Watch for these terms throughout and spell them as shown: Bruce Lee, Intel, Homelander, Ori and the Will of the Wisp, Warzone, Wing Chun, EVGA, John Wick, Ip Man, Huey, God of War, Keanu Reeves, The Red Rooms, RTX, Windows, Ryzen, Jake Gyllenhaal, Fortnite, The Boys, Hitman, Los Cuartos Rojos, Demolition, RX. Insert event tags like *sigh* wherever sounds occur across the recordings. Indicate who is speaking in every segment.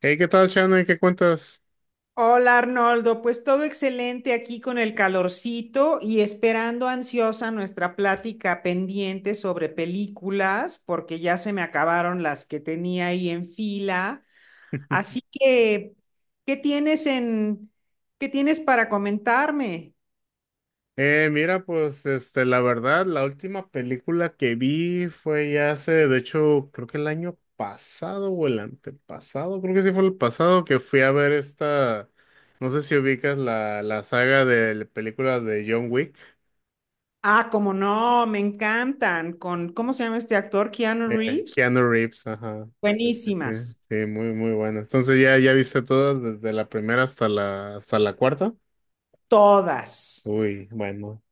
Speaker 1: Hey, ¿qué tal, Shannon? ¿Qué cuentas?
Speaker 2: Hola Arnoldo, pues todo excelente aquí con el calorcito y esperando ansiosa nuestra plática pendiente sobre películas, porque ya se me acabaron las que tenía ahí en fila. Así
Speaker 1: *laughs*
Speaker 2: que, ¿qué tienes en, ¿qué tienes para comentarme?
Speaker 1: Mira, pues, este, la verdad, la última película que vi fue ya hace, de hecho, creo que el año pasado o el antepasado, creo que sí fue el pasado que fui a ver esta, no sé si ubicas la saga de películas de John Wick,
Speaker 2: Ah, como no, me encantan. ¿Cómo se llama este actor? Keanu Reeves.
Speaker 1: Keanu Reeves, ajá, sí, sí, sí,
Speaker 2: Buenísimas,
Speaker 1: sí, muy buena. Entonces, ¿ ya viste todas desde la primera hasta hasta la cuarta?
Speaker 2: todas.
Speaker 1: Uy, bueno.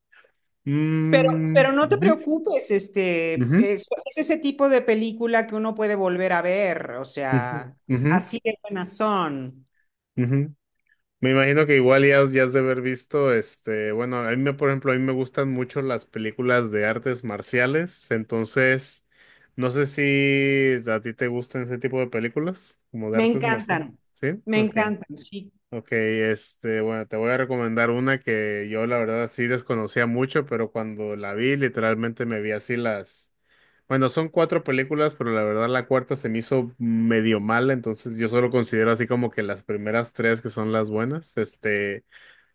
Speaker 2: Pero, pero no te
Speaker 1: Ujú,
Speaker 2: preocupes,
Speaker 1: ujú.
Speaker 2: es ese tipo de película que uno puede volver a ver, o
Speaker 1: Ujú,
Speaker 2: sea,
Speaker 1: ujú,
Speaker 2: así de buenas son.
Speaker 1: ujú. Me imagino que igual ya, ya has de haber visto, este, bueno, a mí me, por ejemplo, a mí me gustan mucho las películas de artes marciales, entonces, no sé si a ti te gustan ese tipo de películas, como de
Speaker 2: Me
Speaker 1: artes marciales,
Speaker 2: encantan,
Speaker 1: ¿sí?
Speaker 2: me
Speaker 1: Ok,
Speaker 2: encantan, sí.
Speaker 1: ok, este, bueno, te voy a recomendar una que yo la verdad sí desconocía mucho, pero cuando la vi, literalmente me vi así las. Bueno, son cuatro películas, pero la verdad la cuarta se me hizo medio mala, entonces yo solo considero así como que las primeras tres que son las buenas. Este,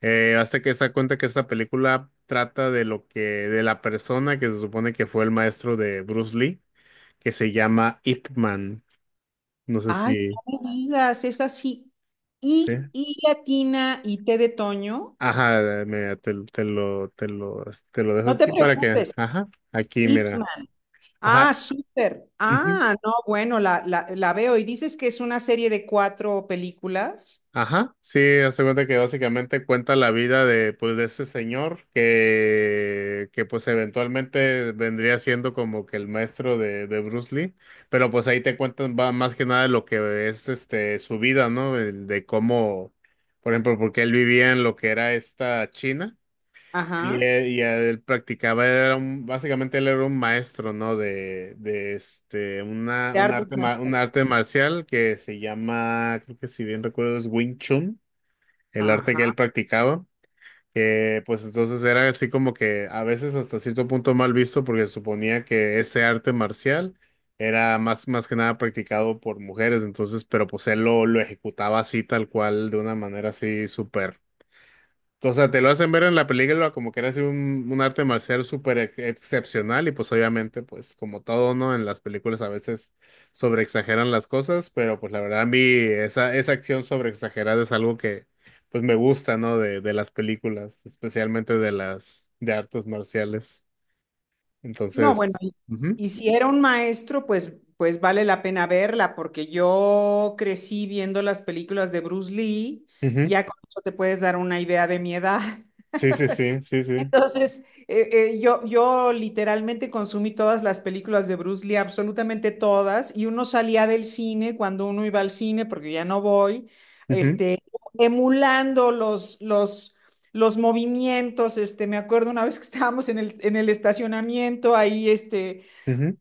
Speaker 1: hasta que se da cuenta que esta película trata de lo que, de la persona que se supone que fue el maestro de Bruce Lee, que se llama Ip Man. No sé
Speaker 2: Ay,
Speaker 1: si,
Speaker 2: no me digas, es así.
Speaker 1: ¿sí?
Speaker 2: Y latina y té de toño,
Speaker 1: Ajá, mira, te lo dejo
Speaker 2: no te
Speaker 1: aquí para que,
Speaker 2: preocupes.
Speaker 1: ajá, aquí, mira.
Speaker 2: Hitman. Ah,
Speaker 1: Ajá.
Speaker 2: súper. Ah, no, bueno, la veo. Y dices que es una serie de cuatro películas.
Speaker 1: Ajá, sí, hace cuenta que básicamente cuenta la vida de, pues, de este señor que pues eventualmente vendría siendo como que el maestro de Bruce Lee, pero pues ahí te cuentan va más que nada lo que es este su vida, ¿no? El de cómo, por ejemplo, porque él vivía en lo que era esta China y
Speaker 2: Ajá.
Speaker 1: y él practicaba, era un, básicamente él era un maestro, ¿no? De este, una,
Speaker 2: De
Speaker 1: un
Speaker 2: artes
Speaker 1: arte, un
Speaker 2: marciales.
Speaker 1: arte marcial que se llama, creo que si bien recuerdo es Wing Chun el arte
Speaker 2: Ajá.
Speaker 1: que él practicaba, que pues entonces era así como que a veces hasta cierto punto mal visto porque se suponía que ese arte marcial era más, más que nada practicado por mujeres, entonces, pero pues él lo ejecutaba así tal cual, de una manera así súper. O sea, te lo hacen ver en la película como que eres un arte marcial súper excepcional y pues obviamente pues como todo, ¿no? En las películas a veces sobreexageran las cosas, pero pues la verdad a mí esa, esa acción sobreexagerada es algo que pues me gusta, ¿no? De las películas, especialmente de las de artes marciales.
Speaker 2: No, bueno,
Speaker 1: Entonces, ujú,
Speaker 2: y si era un maestro, pues, pues vale la pena verla, porque yo crecí viendo las películas de Bruce Lee,
Speaker 1: ujú.
Speaker 2: ya con eso te puedes dar una idea de mi edad. *laughs*
Speaker 1: Sí, sí, sí, sí, sí.
Speaker 2: Entonces, yo literalmente consumí todas las películas de Bruce Lee, absolutamente todas, y uno salía del cine cuando uno iba al cine, porque ya no voy,
Speaker 1: Ujú,
Speaker 2: este, emulando los movimientos, este, me acuerdo una vez que estábamos en en el estacionamiento, ahí, este
Speaker 1: ujú,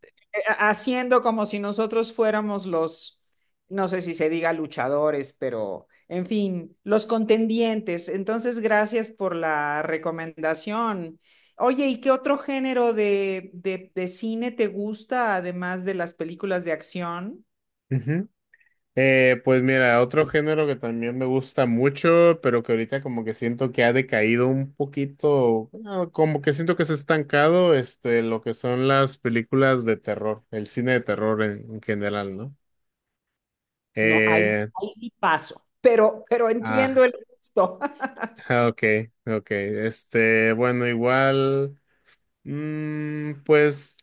Speaker 2: haciendo como si nosotros fuéramos los, no sé si se diga luchadores, pero en fin, los contendientes. Entonces, gracias por la recomendación. Oye, ¿y qué otro género de cine te gusta, además de las películas de acción?
Speaker 1: ujú. Pues mira, otro género que también me gusta mucho, pero que ahorita como que siento que ha decaído un poquito, bueno, como que siento que se ha estancado, este, lo que son las películas de terror, el cine de terror en general, ¿no?
Speaker 2: No, ahí,
Speaker 1: Eh,
Speaker 2: ahí sí paso, pero entiendo
Speaker 1: ah,
Speaker 2: el gusto.
Speaker 1: *laughs* ok, ok, este, bueno, igual, pues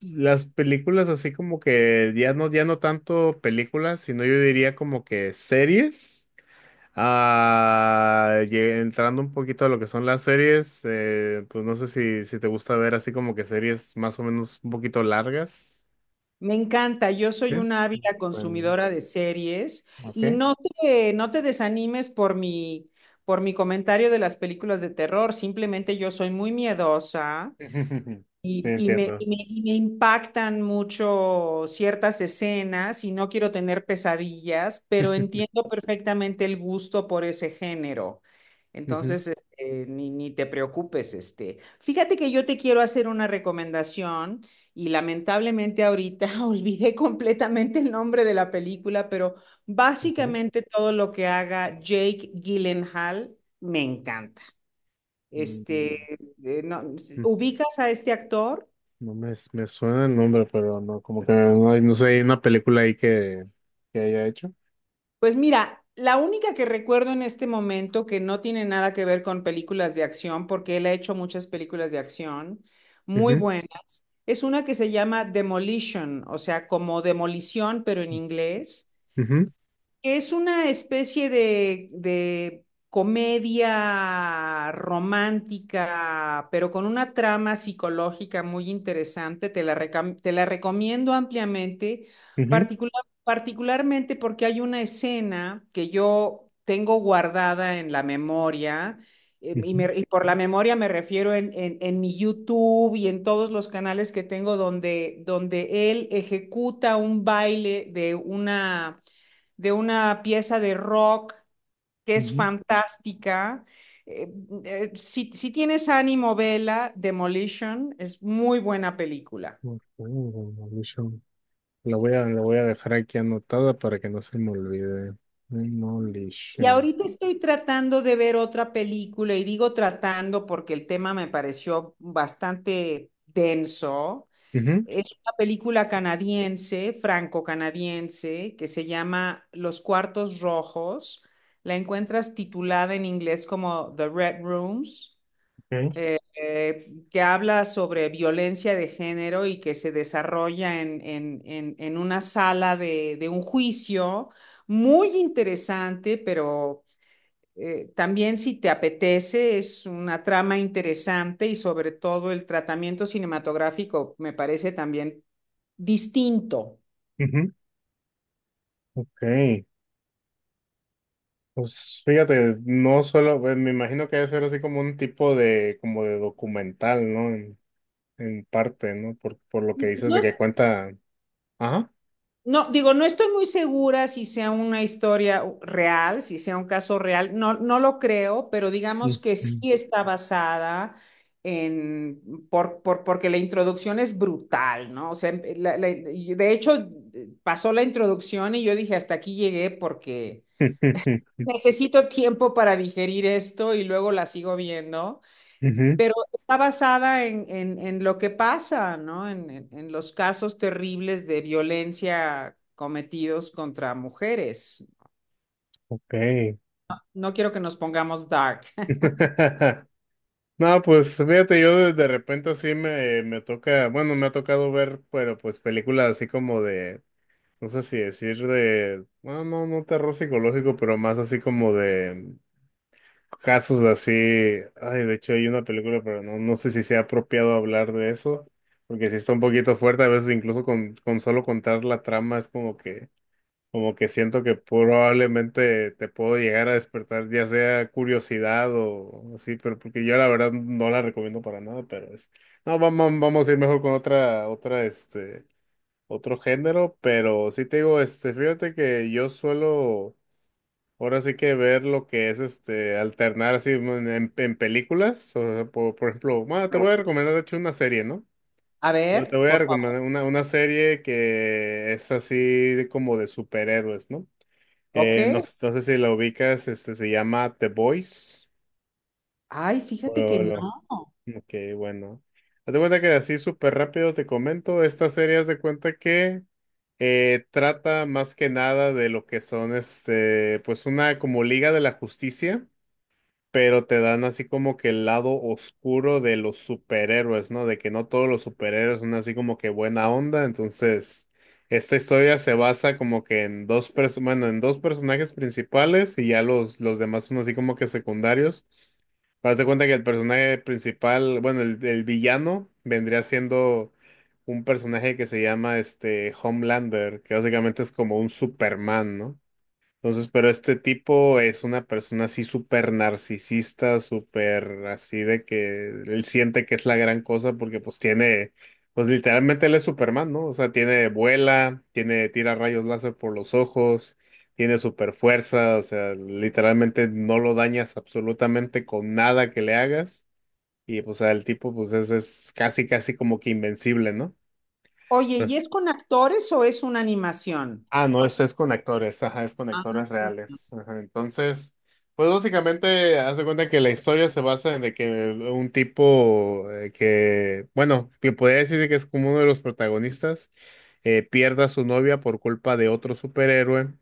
Speaker 1: las películas así como que ya no, ya no tanto películas, sino yo diría como que series. Ah, entrando un poquito a lo que son las series, pues no sé si, si te gusta ver así como que series más o menos un poquito largas.
Speaker 2: Me encanta, yo
Speaker 1: ¿Sí?
Speaker 2: soy una ávida
Speaker 1: Bueno,
Speaker 2: consumidora de series
Speaker 1: ok.
Speaker 2: y no te desanimes por por mi comentario de las películas de terror, simplemente yo soy muy miedosa
Speaker 1: *laughs* Sí, entiendo.
Speaker 2: y me impactan mucho ciertas escenas y no quiero tener pesadillas, pero
Speaker 1: *laughs*
Speaker 2: entiendo perfectamente el gusto por ese género.
Speaker 1: Ujú,
Speaker 2: Entonces, este, ni te preocupes, este. Fíjate que yo te quiero hacer una recomendación y lamentablemente ahorita *laughs* olvidé completamente el nombre de la película, pero
Speaker 1: ujú.
Speaker 2: básicamente todo lo que haga Jake Gyllenhaal me encanta. Este,
Speaker 1: Mm,
Speaker 2: no,
Speaker 1: mm,
Speaker 2: ¿ubicas a este actor?
Speaker 1: no me, me suena el nombre, pero no, como que no, no sé, hay una película ahí que haya hecho.
Speaker 2: Pues mira, la única que recuerdo en este momento que no tiene nada que ver con películas de acción, porque él ha hecho muchas películas de acción muy
Speaker 1: Ujú,
Speaker 2: buenas, es una que se llama Demolition, o sea, como demolición, pero en inglés.
Speaker 1: ujú,
Speaker 2: Es una especie de comedia romántica, pero con una trama psicológica muy interesante. Te la recomiendo ampliamente,
Speaker 1: ujú,
Speaker 2: particularmente porque hay una escena que yo tengo guardada en la memoria,
Speaker 1: ujú,
Speaker 2: y por la memoria me refiero en mi YouTube y en todos los canales que tengo donde él ejecuta un baile de una pieza de rock que es
Speaker 1: ujú.
Speaker 2: fantástica. Eh, si tienes ánimo, vela, Demolition es muy buena película.
Speaker 1: Ok, Demolition. Lo voy a dejar aquí anotada para que no se me olvide.
Speaker 2: Y
Speaker 1: Demolition.
Speaker 2: ahorita estoy tratando de ver otra película y digo tratando porque el tema me pareció bastante denso.
Speaker 1: Ujú,
Speaker 2: Es una película canadiense, franco-canadiense, que se llama Los Cuartos Rojos. La encuentras titulada en inglés como The Red Rooms,
Speaker 1: ujú,
Speaker 2: que habla sobre violencia de género y que se desarrolla en una sala de un juicio muy interesante, pero también si te apetece, es una trama interesante y sobre todo el tratamiento cinematográfico me parece también distinto.
Speaker 1: ujú. Ok. Pues fíjate, no solo, pues, me imagino que debe ser así como un tipo de, como de documental, ¿no? En parte, ¿no? Por lo que dices de
Speaker 2: No,
Speaker 1: que cuenta. Ajá.
Speaker 2: No, digo, no estoy muy segura si sea una historia real, si sea un caso real, no, no lo creo, pero
Speaker 1: Ujú.
Speaker 2: digamos que sí está basada en, porque la introducción es brutal, ¿no? O sea, y de hecho, pasó la introducción y yo dije, hasta aquí llegué porque
Speaker 1: *laughs*
Speaker 2: necesito tiempo para digerir esto y luego la sigo viendo,
Speaker 1: Ujú,
Speaker 2: pero está basada en lo que pasa, ¿no? En los casos terribles de violencia cometidos contra mujeres.
Speaker 1: ok.
Speaker 2: No quiero que nos pongamos dark.
Speaker 1: *laughs* No, pues fíjate, yo de repente así me, me toca, bueno, me ha tocado ver, pero pues películas así como de. No sé si decir de, bueno, no, no terror psicológico, pero más así como de casos así. Ay, de hecho hay una película, pero no, no sé si sea apropiado hablar de eso, porque sí está un poquito fuerte, a veces incluso con solo contar la trama es como que siento que probablemente te puedo llegar a despertar, ya sea curiosidad o así, pero porque yo la verdad no la recomiendo para nada, pero es, no, vamos, vamos a ir mejor con otra, otra, este, otro género, pero sí te digo, este, fíjate que yo suelo ahora sí que ver lo que es este alternar así en películas, o sea, por ejemplo, bueno, te voy a
Speaker 2: *laughs*
Speaker 1: recomendar de hecho una serie, ¿no?
Speaker 2: A
Speaker 1: Yo te
Speaker 2: ver,
Speaker 1: voy a
Speaker 2: por
Speaker 1: recomendar
Speaker 2: favor.
Speaker 1: una serie que es así de como de superhéroes, ¿no?
Speaker 2: Ok.
Speaker 1: No, no sé si la ubicas, este se llama The Boys.
Speaker 2: Ay, fíjate que no.
Speaker 1: Ok, bueno. Haz de cuenta que así súper rápido te comento, esta serie haz de cuenta que trata más que nada de lo que son este, pues una como Liga de la Justicia, pero te dan así como que el lado oscuro de los superhéroes, ¿no? De que no todos los superhéroes son así como que buena onda, entonces esta historia se basa como que en dos bueno, en dos personajes principales y ya los demás son así como que secundarios. Haz de cuenta que el personaje principal, bueno, el villano vendría siendo un personaje que se llama este Homelander, que básicamente es como un Superman, ¿no? Entonces, pero este tipo es una persona así súper narcisista, súper así de que él siente que es la gran cosa porque pues tiene, pues literalmente él es Superman, ¿no? O sea, tiene vuela, tiene tira rayos láser por los ojos, tiene super fuerza, o sea, literalmente no lo dañas absolutamente con nada que le hagas y pues el tipo pues es casi casi como que invencible, ¿no?
Speaker 2: Oye, ¿y es con actores o es una animación?
Speaker 1: Ah, no, es con actores, ajá, es con actores
Speaker 2: Ah,
Speaker 1: reales. Ajá. Entonces, pues básicamente, haz de cuenta que la historia se basa en de que un tipo que, bueno, que podría decirse que es como uno de los protagonistas, pierda a su novia por culpa de otro superhéroe.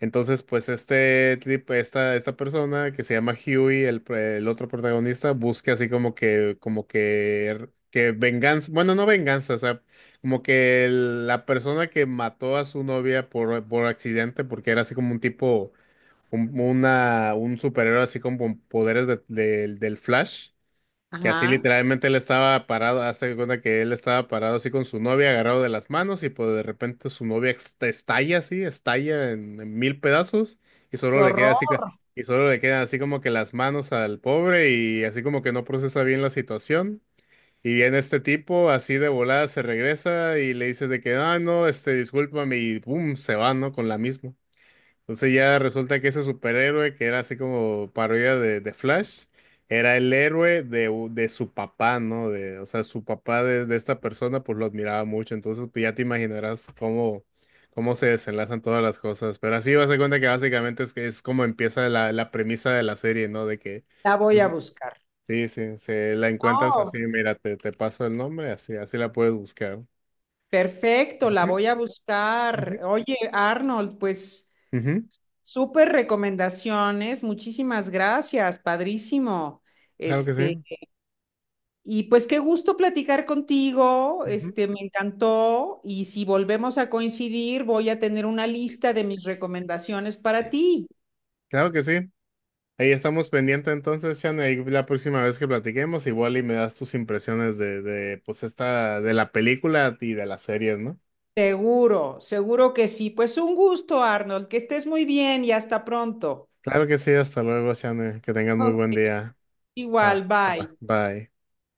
Speaker 1: Entonces, pues este esta, esta persona que se llama Huey, el otro protagonista, busca así como que venganza, bueno, no venganza, o sea, como que la persona que mató a su novia por accidente, porque era así como un tipo, un, una, un superhéroe así como con poderes del Flash. Que así
Speaker 2: ajá.
Speaker 1: literalmente él estaba parado, hace de cuenta que él estaba parado así con su novia agarrado de las manos y pues de repente su novia estalla así, estalla en mil pedazos y solo
Speaker 2: Qué
Speaker 1: le queda así,
Speaker 2: horror.
Speaker 1: y solo le quedan así como que las manos al pobre y así como que no procesa bien la situación. Y viene este tipo así de volada, se regresa y le dice de que, ah, no, este, discúlpame y boom, se va, ¿no? Con la misma. Entonces ya resulta que ese superhéroe, que era así como parodia de Flash, era el héroe de, de su papá, ¿no? De, o sea, su papá de esta persona pues lo admiraba mucho. Entonces pues ya te imaginarás cómo, cómo se desenlazan todas las cosas. Pero así vas a dar cuenta que básicamente es, que es como empieza la premisa de la serie, ¿no? De que,
Speaker 2: La voy
Speaker 1: pues,
Speaker 2: a buscar.
Speaker 1: sí, sí, se la encuentras así,
Speaker 2: No,
Speaker 1: mira, te paso el nombre, así, así la puedes buscar.
Speaker 2: perfecto, la
Speaker 1: Ujú,
Speaker 2: voy a
Speaker 1: ujú.
Speaker 2: buscar. Oye, Arnold, pues
Speaker 1: Ujú,
Speaker 2: súper recomendaciones, muchísimas gracias, padrísimo.
Speaker 1: claro que
Speaker 2: Este,
Speaker 1: sí.
Speaker 2: y pues qué gusto platicar contigo,
Speaker 1: Ujú.
Speaker 2: este, me encantó. Y si volvemos a coincidir, voy a tener una lista de mis recomendaciones para ti.
Speaker 1: Claro que sí. Ahí estamos pendientes entonces, Chan, ahí la próxima vez que platiquemos, igual y me das tus impresiones de, pues esta, de la película y de las series, ¿no?
Speaker 2: Seguro, seguro que sí. Pues un gusto, Arnold, que estés muy bien y hasta pronto.
Speaker 1: Claro que sí, hasta luego, Chan, que tengan muy buen
Speaker 2: Ok.
Speaker 1: día.
Speaker 2: Igual,
Speaker 1: Va, va,
Speaker 2: bye.
Speaker 1: bye.